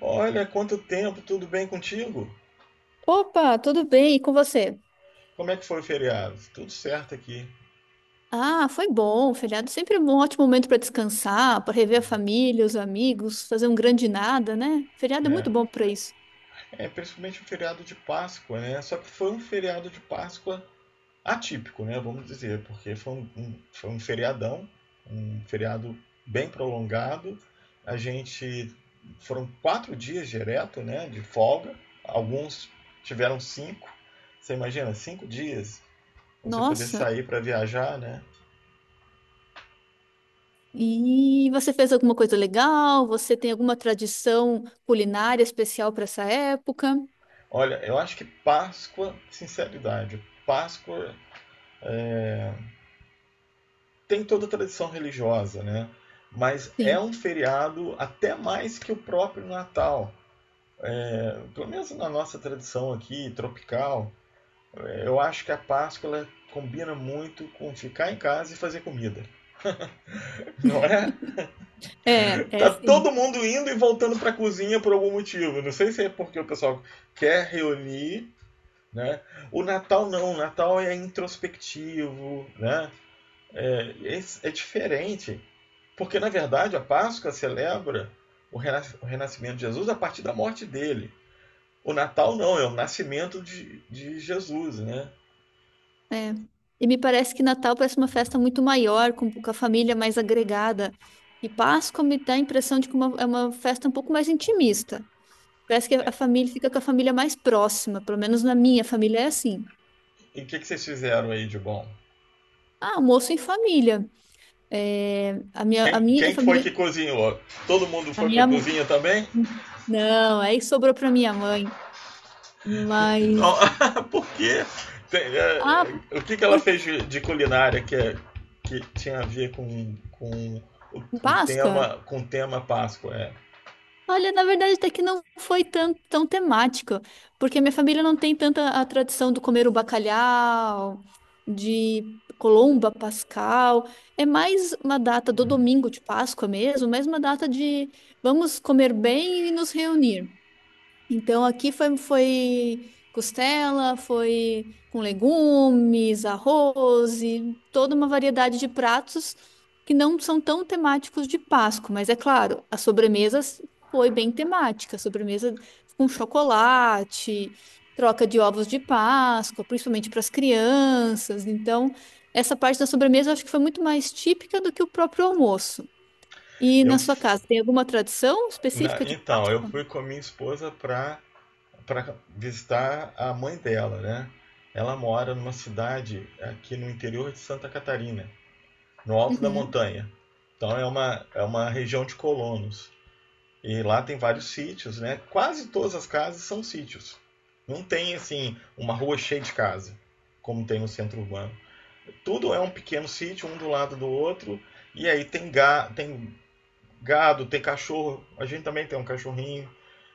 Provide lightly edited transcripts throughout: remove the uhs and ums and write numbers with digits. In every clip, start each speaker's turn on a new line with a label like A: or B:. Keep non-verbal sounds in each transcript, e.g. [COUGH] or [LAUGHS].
A: Olha, quanto tempo, tudo bem contigo?
B: Opa, tudo bem? E com você?
A: Como é que foi o feriado? Tudo certo aqui.
B: Ah, foi bom. Feriado sempre é um ótimo momento para descansar, para rever a família, os amigos, fazer um grande nada, né? Feriado é
A: É,
B: muito bom para isso.
A: é principalmente o feriado de Páscoa, né? Só que foi um feriado de Páscoa atípico, né? Vamos dizer, porque foi um feriadão, um feriado bem prolongado. A gente foram 4 dias direto, né? De folga. Alguns tiveram cinco. Você imagina, 5 dias? Você poder
B: Nossa,
A: sair para viajar, né?
B: e você fez alguma coisa legal? Você tem alguma tradição culinária especial para essa época?
A: Olha, eu acho que Páscoa, sinceridade, Páscoa tem toda a tradição religiosa, né? Mas é
B: Sim.
A: um feriado até mais que o próprio Natal. Pelo menos na nossa tradição aqui, tropical, eu acho que a Páscoa ela combina muito com ficar em casa e fazer comida. [LAUGHS] Não é?
B: É, é
A: Tá todo
B: sim.
A: mundo indo e voltando para a cozinha por algum motivo. Não sei se é porque o pessoal quer reunir, né? O Natal não, o Natal é introspectivo, né? É, é diferente, porque na verdade a Páscoa celebra o renascimento de Jesus a partir da morte dele. O Natal não, é o nascimento de Jesus, né?
B: É. E me parece que Natal parece uma festa muito maior, com a família mais agregada. E Páscoa me dá a impressão de que é uma festa um pouco mais intimista. Parece que a família fica com a família mais próxima, pelo menos na minha família é assim.
A: E o que, que vocês fizeram aí de bom?
B: Ah, almoço em família. É, a minha, a
A: Quem,
B: minha
A: quem foi
B: família,
A: que cozinhou? Todo mundo
B: a
A: foi para a
B: minha,
A: cozinha também?
B: não, aí sobrou para minha mãe. Mas,
A: Não, [LAUGHS] por quê? Tem,
B: ah,
A: é, o que, que ela fez
B: porque
A: de culinária que tinha a ver com, com o, o
B: Páscoa?
A: tema com o tema Páscoa? É,
B: Olha, na verdade, até que não foi tão, tão temático, porque minha família não tem tanta a tradição do comer o bacalhau, de Colomba, Pascal. É mais uma data do domingo de Páscoa mesmo, mais uma data de vamos comer bem e nos reunir. Então aqui foi costela, foi com legumes, arroz e toda uma variedade de pratos que não são tão temáticos de Páscoa, mas é claro, a sobremesa foi bem temática, a sobremesa com chocolate, troca de ovos de Páscoa, principalmente para as crianças. Então, essa parte da sobremesa eu acho que foi muito mais típica do que o próprio almoço. E
A: eu
B: na sua casa, tem alguma tradição específica de
A: Então, eu
B: Páscoa?
A: fui com a minha esposa para visitar a mãe dela, né? Ela mora numa cidade aqui no interior de Santa Catarina, no alto da
B: Uhum.
A: montanha. Então é uma região de colonos. E lá tem vários sítios, né? Quase todas as casas são sítios. Não tem, assim, uma rua cheia de casa, como tem no centro urbano. Tudo é um pequeno sítio, um do lado do outro. E aí tem gado, tem cachorro. A gente também tem um cachorrinho,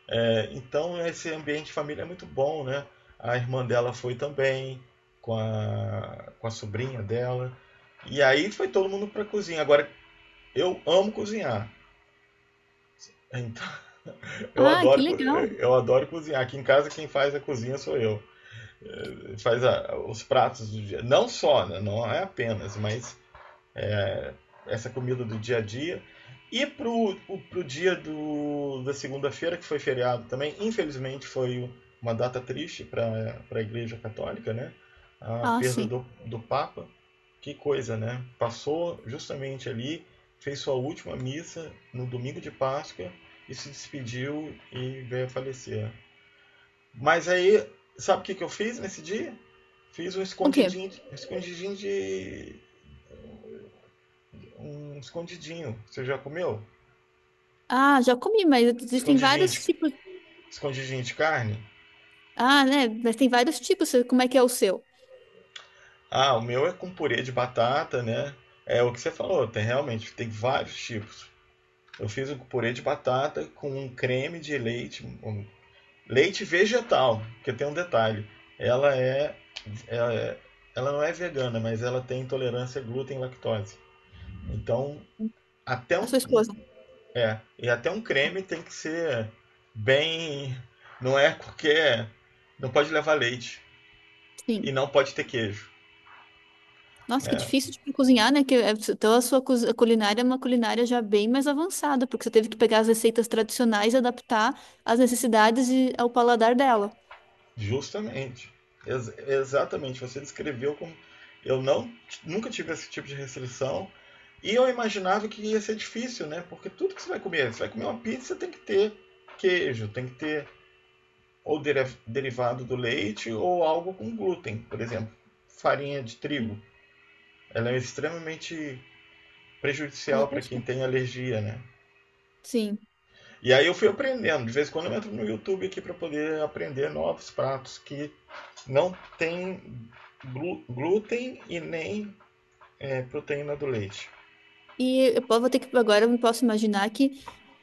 A: então esse ambiente de família é muito bom, né? A irmã dela foi também, com a sobrinha dela. E aí foi todo mundo pra cozinha. Agora, eu amo cozinhar. Então, eu
B: Ah, que
A: adoro, co-
B: legal.
A: eu adoro cozinhar. Aqui em casa quem faz a cozinha sou eu. Os pratos do dia. Não só, né? Não é apenas, mas essa comida do dia a dia. E pro dia da segunda-feira, que foi feriado também, infelizmente foi uma data triste para a Igreja Católica, né? A
B: Ah,
A: perda
B: sim.
A: do Papa. Que coisa, né? Passou justamente ali, fez sua última missa no domingo de Páscoa e se despediu e veio a falecer. Mas aí, sabe o que, que eu fiz nesse dia? Fiz
B: O quê?
A: um escondidinho de. Um escondidinho. Você já comeu?
B: Ah, já comi, mas existem
A: Escondidinho
B: vários
A: de,
B: tipos.
A: escondidinho de carne?
B: Ah, né? Mas tem vários tipos. Como é que é o seu?
A: Ah, o meu é com purê de batata, né? É o que você falou, tem realmente, tem vários tipos. Eu fiz um purê de batata com um creme de leite, um leite vegetal, porque tem um detalhe. Ela é, ela é- ela não é vegana, mas ela tem intolerância a glúten e lactose. Então, até
B: A
A: um,
B: sua
A: um-
B: esposa?
A: é, e até um creme tem que ser bem, não é porque não pode levar leite e
B: Sim.
A: não pode ter queijo.
B: Nossa, que difícil de cozinhar, né? Que, então a culinária é uma culinária já bem mais avançada, porque você teve que pegar as receitas tradicionais e adaptar às necessidades e ao paladar dela.
A: Justamente. Exatamente. Você descreveu como. Eu não, nunca tive esse tipo de restrição. E eu imaginava que ia ser difícil, né? Porque tudo que você vai comer uma pizza, tem que ter queijo, tem que ter ou derivado do leite ou algo com glúten, por exemplo, farinha de trigo. Ela é extremamente prejudicial para quem
B: Alérgica?
A: tem alergia, né?
B: Sim.
A: E aí eu fui aprendendo. De vez em quando eu entro no YouTube aqui para poder aprender novos pratos que não tem glúten e nem proteína do leite.
B: Vou ter que agora eu posso imaginar que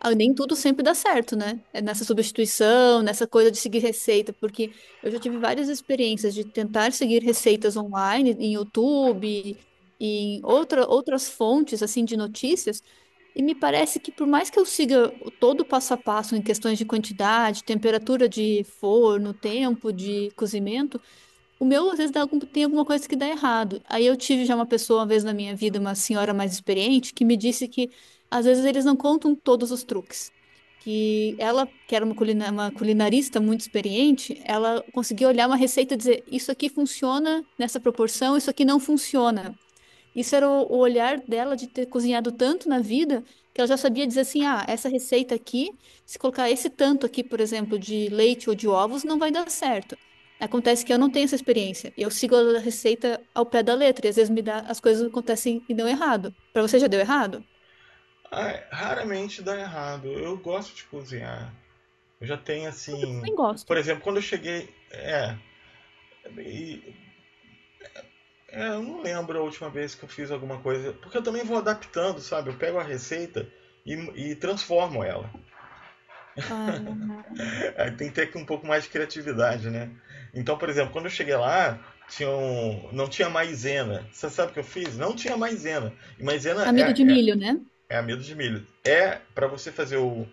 B: ah, nem tudo sempre dá certo, né? É nessa substituição, nessa coisa de seguir receita, porque eu já tive várias experiências de tentar seguir receitas online, em YouTube, em outra, outras fontes assim de notícias, e me parece que por mais que eu siga todo o passo a passo em questões de quantidade, temperatura de forno, tempo de cozimento. O meu, às vezes, dá tem alguma coisa que dá errado. Aí eu tive já uma pessoa, uma vez na minha vida, uma senhora mais experiente, que me disse que, às vezes, eles não contam todos os truques. Que ela, que era uma culinarista muito experiente, ela conseguia olhar uma receita e dizer: Isso aqui funciona nessa proporção, isso aqui não funciona. Isso era o olhar dela de ter cozinhado tanto na vida que ela já sabia dizer assim: ah, essa receita aqui, se colocar esse tanto aqui, por exemplo, de leite ou de ovos, não vai dar certo. Acontece que eu não tenho essa experiência. Eu sigo a receita ao pé da letra e às vezes me dá, as coisas acontecem e dão errado. Para você já deu errado?
A: Ah, é, raramente dá errado. Eu gosto de cozinhar. Eu já tenho
B: Eu
A: assim.
B: também
A: Por
B: gosto.
A: exemplo, quando eu cheguei. É. e- eu não lembro a última vez que eu fiz alguma coisa. Porque eu também vou adaptando, sabe? Eu pego a receita e, e transformo ela.
B: Ah,
A: Aí tem que ter um pouco mais de criatividade, né? Então, por exemplo, quando eu cheguei lá, não tinha maisena. Você sabe o que eu fiz? Não tinha maisena. E maisena
B: amido de
A: é,
B: milho, né?
A: É amido de milho. É para você fazer o,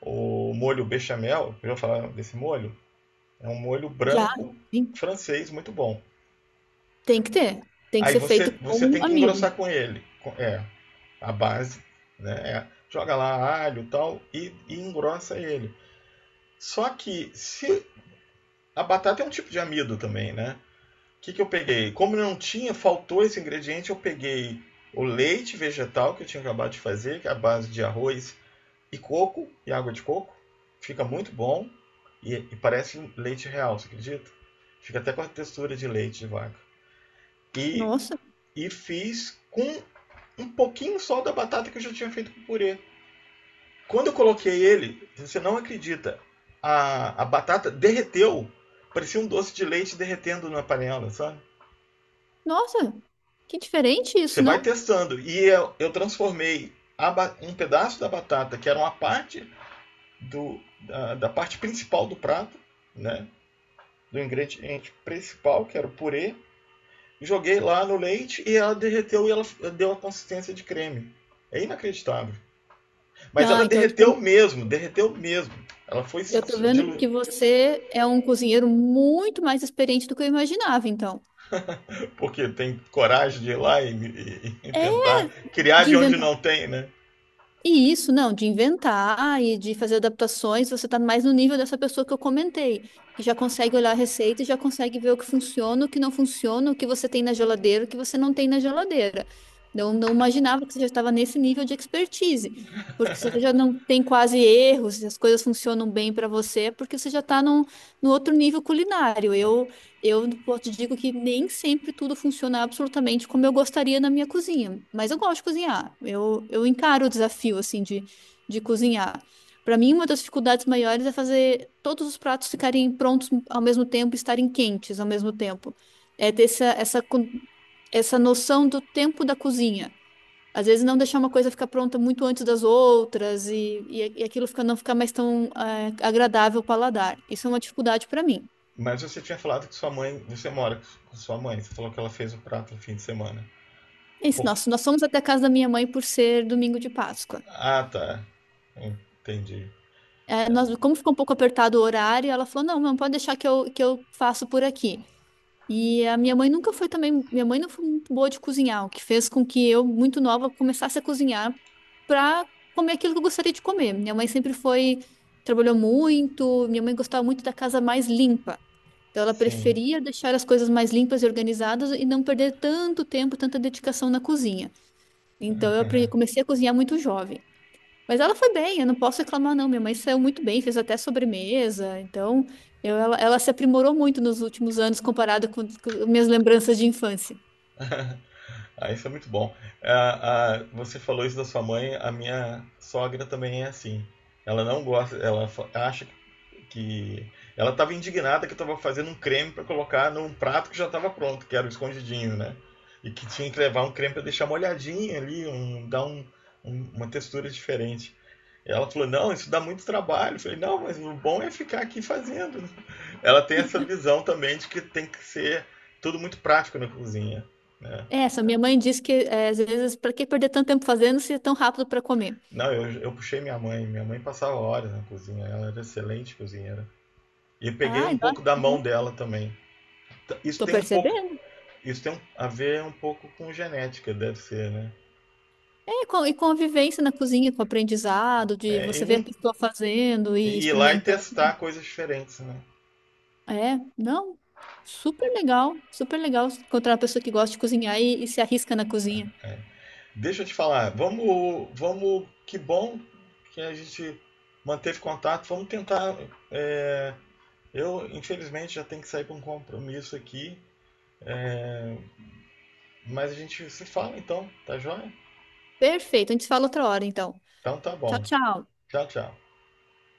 A: o molho bechamel, eu já falar desse molho, é um molho
B: Já.
A: branco
B: Sim.
A: francês muito bom.
B: Tem que ter. Tem que
A: Aí
B: ser
A: você,
B: feito
A: você
B: com
A: tem que engrossar
B: amido.
A: com ele. A base, né? É, joga lá alho e tal e engrossa ele. Só que se a batata é um tipo de amido também, né? O que, que eu peguei? Como não tinha, faltou esse ingrediente, eu peguei o leite vegetal que eu tinha acabado de fazer, que é a base de arroz e coco e água de coco. Fica muito bom e parece leite real, você acredita? Fica até com a textura de leite de vaca. E,
B: Nossa,
A: e fiz com um pouquinho só da batata que eu já tinha feito com purê. Quando eu coloquei ele, você não acredita, a batata derreteu. Parecia um doce de leite derretendo na panela, sabe?
B: nossa, que diferente
A: Você
B: isso,
A: vai
B: não?
A: testando. E eu transformei um pedaço da batata, que era uma parte da parte principal do prato, né? Do ingrediente principal, que era o purê, joguei lá no leite e ela derreteu e ela deu a consistência de creme. É inacreditável. Mas
B: Ah,
A: ela
B: então.
A: derreteu mesmo, derreteu mesmo. Ela foi
B: Eu tô
A: se
B: vendo
A: diluir,
B: que você é um cozinheiro muito mais experiente do que eu imaginava, então.
A: porque tem coragem de ir lá e
B: É,
A: tentar criar
B: de
A: de onde
B: inventar.
A: não tem, né?
B: E isso, não, de inventar e de fazer adaptações, você tá mais no nível dessa pessoa que eu comentei, que já consegue olhar a receita e já consegue ver o que funciona, o que não funciona, o que você tem na geladeira, o que você não tem na geladeira. Não, não imaginava que você já estava nesse nível de expertise, porque se você já não tem quase erros, e as coisas funcionam bem para você, é porque você já está num, no outro nível culinário. Eu te digo que nem sempre tudo funciona absolutamente como eu gostaria na minha cozinha, mas eu gosto de cozinhar. Eu encaro o desafio assim de cozinhar. Para mim, uma das dificuldades maiores é fazer todos os pratos ficarem prontos ao mesmo tempo, e estarem quentes ao mesmo tempo. É ter essa, essa essa noção do tempo da cozinha. Às vezes não deixar uma coisa ficar pronta muito antes das outras e, e aquilo fica, não ficar mais tão agradável ao paladar. Isso é uma dificuldade para mim.
A: Mas você tinha falado que sua mãe, você mora com sua mãe, você falou que ela fez o prato no fim de semana.
B: É isso,
A: Por...
B: nós fomos até a casa da minha mãe por ser domingo de Páscoa.
A: Ah, tá. Entendi.
B: É, nós, como ficou um pouco apertado o horário, ela falou: não, não pode deixar que eu faço por aqui. E a minha mãe nunca foi também, minha mãe não foi muito boa de cozinhar, o que fez com que eu, muito nova, começasse a cozinhar para comer aquilo que eu gostaria de comer. Minha mãe sempre foi, trabalhou muito, minha mãe gostava muito da casa mais limpa. Então ela
A: Sim.
B: preferia deixar as coisas mais limpas e organizadas e não perder tanto tempo, tanta dedicação na cozinha. Então eu comecei a cozinhar muito jovem. Mas ela foi bem, eu não posso reclamar, não. Minha mãe saiu muito bem, fez até sobremesa. Então, ela se aprimorou muito nos últimos anos comparado com minhas lembranças de infância.
A: Ah, isso é muito bom. Ah, ah, você falou isso da sua mãe, a minha sogra também é assim. Ela não gosta, ela acha que. Ela estava indignada que eu estava fazendo um creme para colocar num prato que já estava pronto, que era o escondidinho, né? E que tinha que levar um creme para deixar molhadinho ali, dar uma textura diferente. Ela falou: Não, isso dá muito trabalho. Eu falei: Não, mas o bom é ficar aqui fazendo. Ela tem essa visão também de que tem que ser tudo muito prático na cozinha, né?
B: É, só minha mãe disse que é, às vezes, para que perder tanto tempo fazendo se é tão rápido para comer?
A: Não, eu puxei minha mãe. Minha mãe passava horas na cozinha. Ela era excelente cozinheira. E eu peguei
B: Ai,
A: um
B: nossa,
A: pouco da
B: que
A: mão
B: bom.
A: dela também. T- Isso
B: Tô
A: tem um pouco,
B: percebendo.
A: isso tem a ver um pouco com genética, deve ser, né?
B: É, e com a vivência na cozinha, com o aprendizado, de
A: É, e,
B: você ver a
A: não,
B: pessoa fazendo
A: e
B: e
A: ir lá e
B: experimentando.
A: testar coisas diferentes, né?
B: É, não, super legal encontrar uma pessoa que gosta de cozinhar e se arrisca na cozinha.
A: Deixa eu te falar. Vamos, vamos. Que bom que a gente manteve contato. Vamos tentar. é, eu infelizmente já tenho que sair para um compromisso aqui, mas a gente se fala então, tá joia?
B: Perfeito, a gente se fala outra hora, então.
A: Então tá
B: Tchau,
A: bom.
B: tchau.
A: Tchau, tchau.